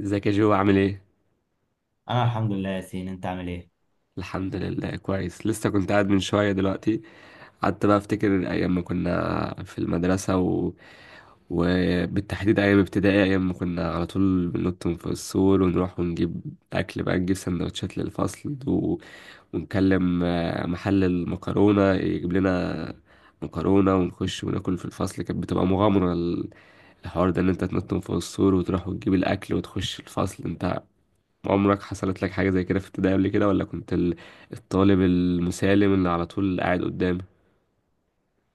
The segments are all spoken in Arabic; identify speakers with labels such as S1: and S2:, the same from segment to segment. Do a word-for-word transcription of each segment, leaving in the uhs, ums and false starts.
S1: ازيك يا جو عامل ايه؟
S2: انا الحمد لله يا سين، انت عامل ايه؟
S1: الحمد لله، كويس. لسه كنت قاعد من شوية دلوقتي. قعدت بقى افتكر ايام ما كنا في المدرسة و... وبالتحديد ايام ابتدائي، ايام ما كنا على طول بننط من فوق السور ونروح ونجيب اكل، بقى نجيب سندوتشات للفصل و... ونكلم، آه، محل المكرونة يجيب لنا مكرونة، ونخش وناكل في الفصل. كانت بتبقى مغامرة، ال- الحوار ده ان انت تنط من فوق السور وتروح وتجيب الاكل وتخش الفصل. انت عمرك حصلت لك حاجة زي كده في ابتدائي قبل كده؟ ولا كنت ال- الطالب المسالم اللي على طول قاعد قدام؟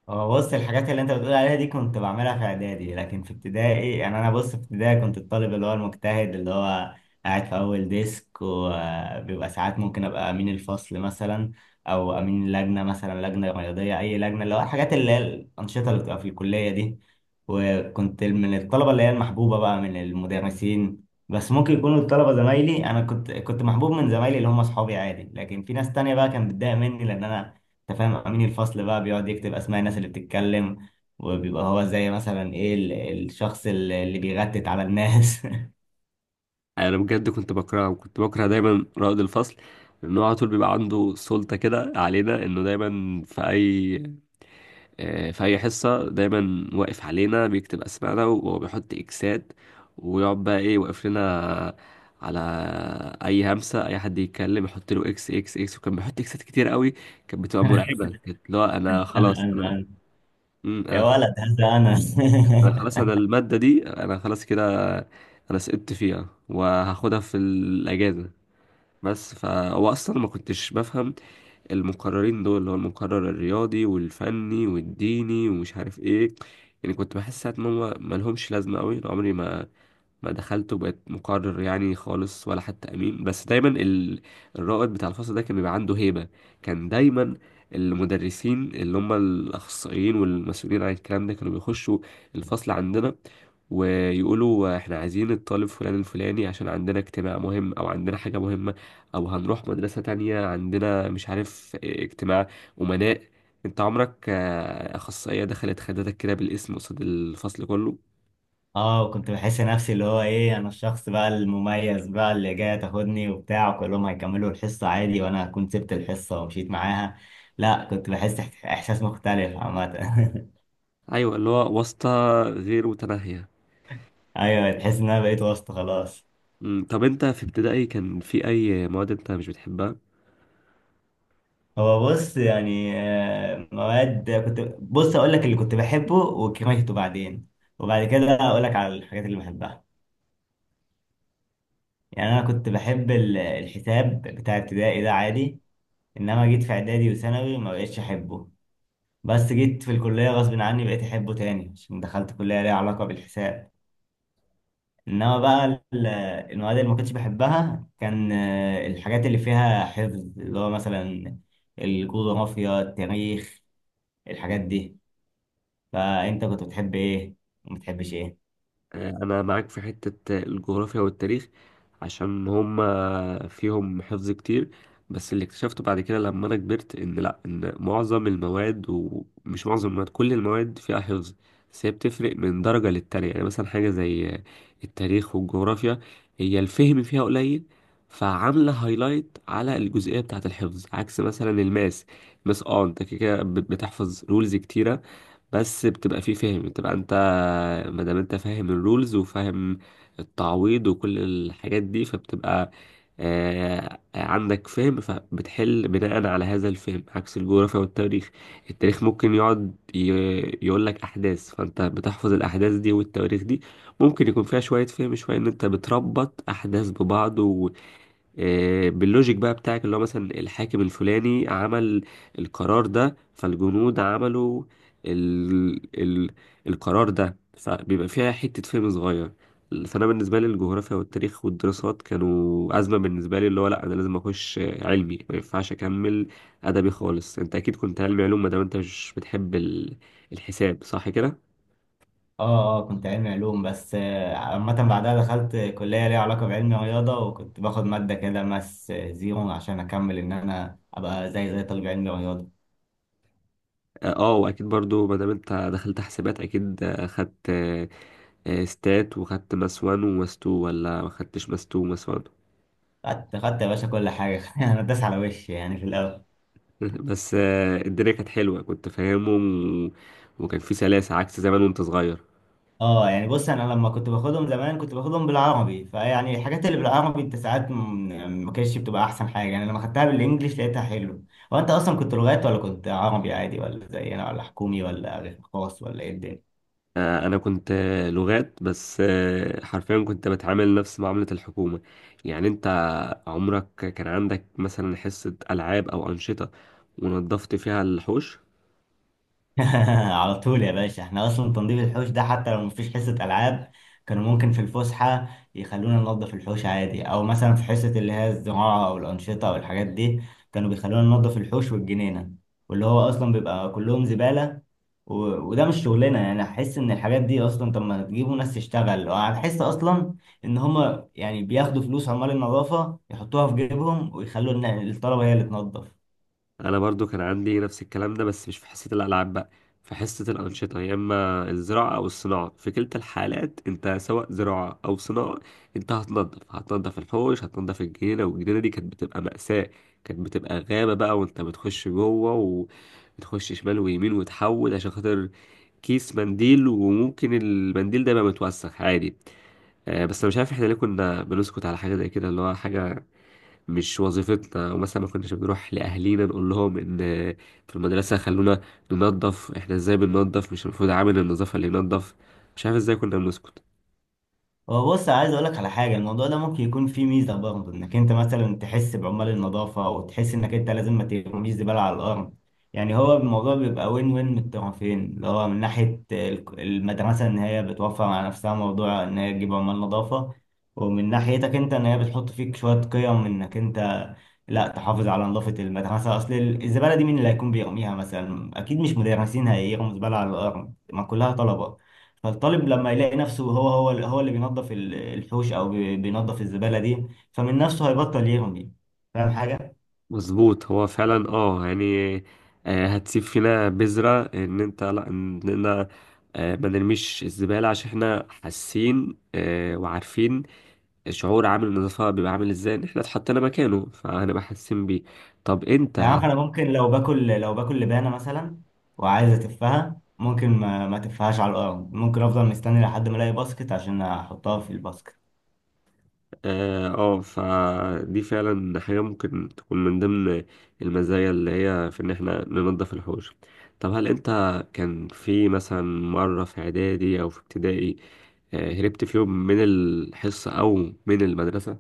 S2: هو بص الحاجات اللي انت بتقول عليها دي كنت بعملها في اعدادي، لكن في ابتدائي يعني انا، بص في ابتدائي كنت الطالب اللي هو المجتهد، اللي هو قاعد في اول ديسك، وبيبقى ساعات ممكن ابقى امين الفصل مثلا، او امين لجنه مثلا، لجنه رياضيه، اي لجنه، اللي هو الحاجات اللي هي الانشطه اللي بتبقى في الكليه دي. وكنت من الطلبه اللي هي المحبوبه بقى من المدرسين، بس ممكن يكونوا الطلبة زمايلي، أنا كنت كنت محبوب من زمايلي اللي هم أصحابي عادي، لكن في ناس تانية بقى كانت بتضايق مني لأن أنا، انت فاهم، امين الفصل بقى بيقعد يكتب اسماء الناس اللي بتتكلم، وبيبقى هو زي مثلا ايه، ال- الشخص اللي اللي بيغتت على الناس.
S1: انا بجد كنت بكرهه، وكنت بكره دايما رائد الفصل، لانه على طول بيبقى عنده سلطة كده علينا، انه دايما في اي، آه، في اي حصة دايما واقف علينا بيكتب اسمائنا وبيحط اكسات، ويقعد بقى ايه، واقف لنا على اي همسة، اي حد يتكلم يحط له اكس اكس اكس. وكان بيحط اكسات كتير قوي، كانت بتبقى مرعبة. كانت، لا انا
S2: انا
S1: خلاص،
S2: انا
S1: انا
S2: انا
S1: مم،
S2: يا
S1: انا،
S2: ولد هذا انا.
S1: انا خلاص، انا المادة دي انا خلاص كده، انا سقطت فيها وهاخدها في الاجازة. بس فهو اصلا ما كنتش بفهم المقررين دول، اللي هو المقرر الرياضي والفني والديني ومش عارف ايه. يعني كنت بحس ساعات ان هم ما لهمش لازمة قوي. عمري ما ما دخلت وبقيت مقرر يعني خالص ولا حتى امين. بس دايما ال... الرائد بتاع الفصل ده كان بيبقى عنده هيبة. كان دايما المدرسين اللي هم الاخصائيين والمسؤولين عن الكلام ده كانوا بيخشوا الفصل عندنا، ويقولوا احنا عايزين الطالب فلان الفلاني عشان عندنا اجتماع مهم، او عندنا حاجة مهمة، او هنروح مدرسة تانية، عندنا مش عارف اجتماع امناء. انت عمرك آه، اخصائية دخلت خدتك كده بالاسم قصاد الفصل كله؟
S2: اه، وكنت بحس نفسي اللي هو ايه، انا الشخص بقى المميز بقى اللي جاي تاخدني وبتاع، وكلهم هيكملوا الحصة عادي، وانا كنت سبت الحصة ومشيت معاها. لا، كنت بحس احت- احساس مختلف عامة.
S1: ايوه، اللي هو واسطة غير متناهية.
S2: ايوه، تحس ان انا بقيت وسط خلاص.
S1: أمم، طب انت في ابتدائي كان في اي مواد انت مش بتحبها؟
S2: هو بص يعني آه، مواد، كنت بص اقول لك اللي كنت بحبه وكرهته بعدين، وبعد كده اقول لك على الحاجات اللي بحبها. يعني انا كنت بحب ال- الحساب بتاع ابتدائي ده عادي، انما جيت في اعدادي وثانوي ما بقتش احبه، بس جيت في الكليه غصب عني بقيت احبه تاني عشان دخلت كليه ليها علاقه بالحساب. انما بقى ال- المواد اللي ما كنتش بحبها كان آه، الحاجات اللي فيها حفظ، اللي هو مثلا الجغرافيا، التاريخ، الحاجات دي. فانت كنت بتحب ايه وما بتحبش ايه؟
S1: آه، انا معاك في حتة الجغرافيا والتاريخ، عشان هما فيهم حفظ كتير. بس اللي اكتشفته بعد كده لما انا كبرت، ان لا، ان معظم المواد، ومش معظم المواد، كل المواد فيها حفظ. بس هي بتفرق من درجة للتانية. يعني مثلا حاجة زي التاريخ والجغرافيا، هي الفهم فيها قليل، فعاملة هايلايت على الجزئية بتاعة الحفظ، عكس مثلا الماس. الماس، اه، انت كده كده بتحفظ رولز كتيرة، بس بتبقى فيه فهم، بتبقى انت ما دام انت فاهم الرولز وفاهم التعويض وكل الحاجات دي، فبتبقى آه، عندك فهم، فبتحل بناء على هذا الفهم، عكس الجغرافيا والتاريخ. التاريخ ممكن يقعد يقول لك احداث، فانت بتحفظ الاحداث دي والتواريخ دي. ممكن يكون فيها شوية فهم، شوية ان انت بتربط احداث ببعض، آه، باللوجيك بقى بتاعك، اللي هو مثلا الحاكم الفلاني عمل القرار ده، فالجنود عملوا ال... ال... القرار ده، فبيبقى فيها حتة فهم صغير. فأنا بالنسبة لي الجغرافيا والتاريخ والدراسات كانوا أزمة بالنسبة لي، اللي هو لأ، أنا لازم أخش علمي، ما ينفعش أكمل أدبي خالص. أنت أكيد كنت علمي علوم، ما دام أنت مش بتحب ال... الحساب، صح كده؟
S2: اه اه، كنت علمي علوم، بس آه، عامة بعدها دخلت كلية ليها علاقة بعلم رياضة، وكنت باخد مادة كده ماس آه، زيرو عشان أكمل، إن أنا أبقى زي زي طالب علم رياضة.
S1: اه، آه، واكيد برضو ما دام انت دخلت حسابات، اكيد آه، خدت، آه، آه، ستات، وخدت ماس وان وماس تو، ولا ما خدتش ماس تو وماس وان؟
S2: خدت خدت يا باشا كل حاجة. أنا داس على وشي يعني في الأول.
S1: بس آه، الدنيا كانت حلوه، كنت فاهمهم و- وكان في سلاسه، عكس زمان وانت صغير.
S2: اه يعني، بص انا لما كنت باخدهم زمان كنت باخدهم بالعربي، فيعني الحاجات اللي بالعربي انت ساعات م- يعني ما كانتش بتبقى احسن حاجه، يعني لما خدتها بالانجليش لقيتها حلو. هو انت اصلا كنت لغات ولا كنت عربي عادي، ولا زي انا ولا حكومي ولا خاص، ولا ايه الدنيا؟
S1: آه، انا كنت آه، لغات، بس آه، حرفيا كنت بتعامل نفس معامله الحكومه. يعني انت عمرك كان عندك مثلا حصه العاب او انشطه ونظفت فيها الحوش؟
S2: على طول يا باشا، احنا اصلا تنظيف الحوش ده حتى لو مفيش حصة العاب، كانوا ممكن في الفسحة يخلونا ننظف الحوش عادي، او مثلا في حصة اللي هي الزراعة او الانشطة او الحاجات دي، كانوا بيخلونا ننظف الحوش والجنينة، واللي هو اصلا بيبقى كلهم زبالة. و... وده مش شغلنا، يعني احس ان الحاجات دي اصلا، طب ما تجيبوا ناس تشتغل، وهتحس اصلا ان هما يعني بياخدوا فلوس عمال النظافة يحطوها في جيبهم، ويخلوا إن الطلبة هي اللي تنظف.
S1: انا برضو كان عندي نفس الكلام ده، بس مش في حصة الالعاب بقى، في حصة الانشطة، يا اما الزراعة او الصناعة. في كلتا الحالات انت، سواء زراعة او صناعة، انت هتنضف، هتنضف الحوش، هتنضف الجنينة. والجنينة دي كانت بتبقى مأساة، كانت بتبقى غابة بقى، وانت بتخش جوه وتخش شمال ويمين وتحول عشان خاطر كيس منديل، وممكن المنديل ده يبقى متوسخ عادي. آه، بس انا مش عارف احنا ليه كنا بنسكت على حاجة زي كده، اللي هو حاجة مش وظيفتنا. ومثلا ما كناش بنروح لأهالينا نقول لهم إن في المدرسة خلونا ننظف. إحنا إزاي بننظف؟ مش المفروض عامل النظافة اللي ينظف؟ مش عارف إزاي كنا بنسكت.
S2: هو بص عايز اقول لك على حاجه، الموضوع ده ممكن يكون فيه ميزه برضه، انك انت مثلا تحس بعمال النظافه، او تحس انك انت لازم ما ترميش زباله على الارض. يعني هو الموضوع بيبقى وين وين من الطرفين، اللي هو من ناحيه ال- المدرسه، ان هي بتوفر على نفسها موضوع ان هي تجيب عمال نظافه، ومن ناحيتك انت ان هي بتحط فيك شويه قيم، انك انت لا، تحافظ على نظافه المدرسه، اصل الزباله دي مين اللي هيكون بيرميها؟ مثلا اكيد مش مدرسين هيرموا زباله على الارض، ما كلها طلبه. فالطالب لما يلاقي نفسه هو هو هو اللي بينظف ال- الحوش او بي- بينظف الزبالة دي، فمن نفسه هيبطل يرمي. فاهم حاجة؟
S1: مظبوط، هو فعلا، اه يعني، آه، هتسيب فينا بذرة إن أنت، لأ، إننا آه، ما نرميش الزبالة، عشان إحنا حاسين آه، وعارفين شعور عامل النظافة بيبقى عامل إزاي. إن إحنا اتحطينا مكانه، فهنبقى حاسين بيه. طب
S2: يعني
S1: أنت،
S2: عارف انا ممكن لو باكل، لو باكل لبانة مثلا وعايز اتفها، ممكن ما, ما تفهاش على الارض، ممكن افضل مستني لحد ما الاقي باسكت عشان احطها في الباسكت.
S1: اه، آه، فدي فعلا حاجة ممكن تكون من ضمن المزايا اللي هي في ان احنا ننظف الحوش. طب هل انت كان في مثلا مرة في اعدادي او في ابتدائي آه، هربت في يوم من الحصة او من المدرسة؟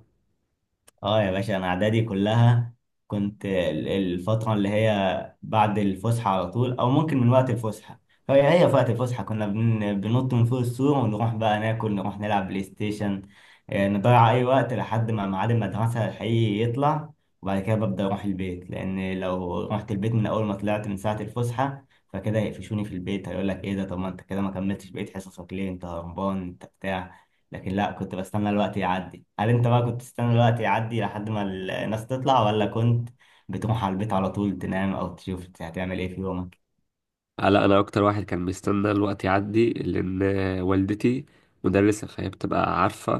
S2: اه يا باشا، انا اعدادي كلها كنت ال- الفتره اللي هي بعد الفسحه على طول، او ممكن من وقت الفسحه، هي هي في وقت الفسحه كنا بن- بننط من فوق السور ونروح بقى ناكل، نروح نلعب بلاي ستيشن، آه، نضيع اي وقت لحد ما ميعاد المدرسه الحقيقي يطلع، وبعد كده ببدا اروح البيت، لان لو رحت البيت من اول ما طلعت من ساعه الفسحه فكده هيقفشوني في البيت، هيقول لك ايه ده، طب ما انت كده ما كملتش بقيت حصصك ليه، انت هربان، انت بتاع. لكن لا، كنت بستنى الوقت يعدي. هل انت بقى كنت تستنى الوقت يعدي لحد ما الناس تطلع، ولا كنت بتروح على البيت على طول تنام، او تشوف هتعمل ايه في يومك؟
S1: آه، لا، انا اكتر واحد كان بيستنى الوقت يعدي، لان والدتي مدرسة، فهي بتبقى عارفة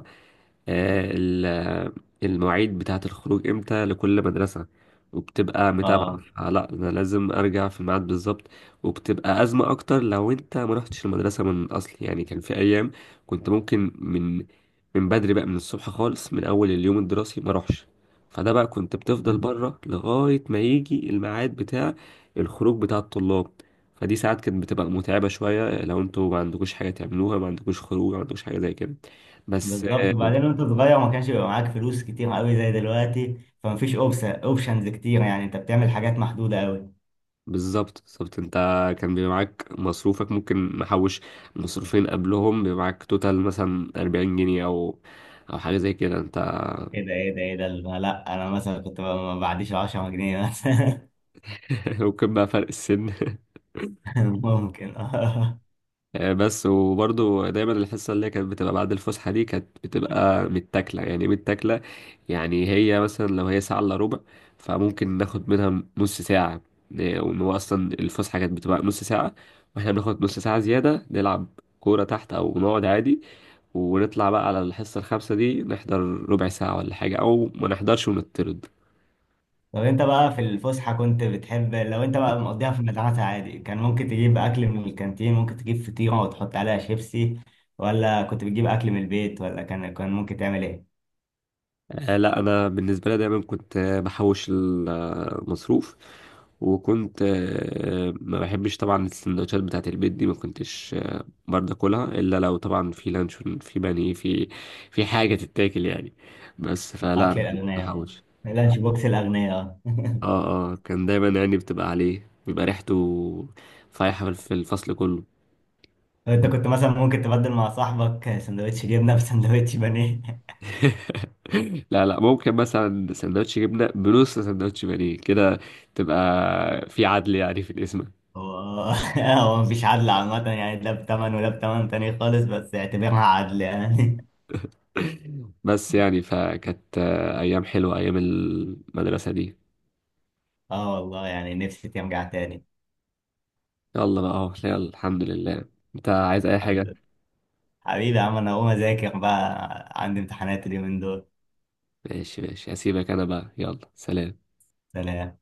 S1: آه، ال- المواعيد بتاعة الخروج امتى لكل مدرسة، وبتبقى متابعة.
S2: اه.
S1: فلا، انا لازم ارجع في الميعاد بالظبط. وبتبقى ازمة اكتر لو انت ما رحتش المدرسة من الاصل. يعني كان في ايام كنت ممكن من من بدري بقى، من الصبح خالص، من اول اليوم الدراسي ما اروحش. فده بقى كنت بتفضل بره لغاية ما يجي الميعاد بتاع الخروج بتاع الطلاب. فدي ساعات كانت بتبقى متعبة شوية، لو انتوا ما عندكوش حاجة تعملوها، ما عندكوش خروج، ما عندكوش حاجة زي كده. بس
S2: بالظبط، وبعدين وانت صغير ما كانش بيبقى معاك فلوس كتير قوي زي دلوقتي، فمفيش اوبشنز كتير، يعني انت بتعمل حاجات محدودة قوي.
S1: بالظبط، بالظبط. انت كان بيبقى معاك مصروفك، ممكن محوش مصروفين قبلهم، بيبقى معاك توتال مثلا أربعين جنيه، او او حاجه زي كده انت.
S2: ايه ده ايه ده ايه ده لا، انا مثلا كنت ب- ما بعديش عشرة جنيه مثلا.
S1: ممكن بقى فرق السن.
S2: ممكن.
S1: آه، بس وبرضو دايما الحصه اللي هي كانت بتبقى بعد الفسحه دي كانت بتبقى متاكله. يعني إيه متاكله؟ يعني هي مثلا لو هي ساعه الا ربع، فممكن ناخد منها نص ساعه. آه، وان هو اصلا الفسحه كانت بتبقى نص ساعه، واحنا بناخد نص ساعه زياده نلعب كوره تحت او نقعد عادي، ونطلع بقى على الحصة الخامسة دي نحضر ربع ساعة ولا حاجة، أو ما نحضرش ونطرد.
S2: طب انت بقى في الفسحة كنت بتحب لو انت بقى مقضيها في المدرسة عادي، كان ممكن تجيب اكل من الكانتين، ممكن تجيب فطيرة وتحط عليها شيبسي، ولا كنت بتجيب اكل من البيت، ولا كان كان ممكن تعمل ايه؟
S1: آه لا، أنا بالنسبة لي دايما كنت آه، بحوش المصروف، وكنت آه، ما بحبش طبعا السندوتشات بتاعة البيت دي. ما كنتش آه، برضه اكلها الا لو طبعا في لانشون، في بانيه، في في حاجه تتاكل يعني. بس فلا،
S2: اكل
S1: أنا كنت
S2: الاغنياء،
S1: بحوش.
S2: اللانش بوكس الاغنياء، اه.
S1: اه اه، كان دايما يعني بتبقى عليه، بيبقى ريحته فايحه في الفصل كله.
S2: انت كنت مثلا ممكن تبدل مع صاحبك سندوتش جبنة بسندوتش بانيه؟
S1: لا لا، ممكن مثلا سندوتش جبنة بنص سندوتش بانيه كده، تبقى في عدل يعني في الاسم.
S2: هو، هو مفيش عدل عامة يعني، ده بتمن وده بتمن تاني خالص، بس اعتبرها عدل يعني.
S1: بس يعني، فكانت آه، أيام حلوة أيام المدرسة دي.
S2: اه والله، يعني نفسي ترجع تاني.
S1: يلا بقى، أهو، يلا، الحمد لله. أنت عايز أي حاجة؟
S2: حبيبي يا عم، انا هقوم اذاكر بقى، عندي امتحانات اليومين دول.
S1: ماشي ماشي، هسيبك أنا بقى. يلا، سلام.
S2: سلام.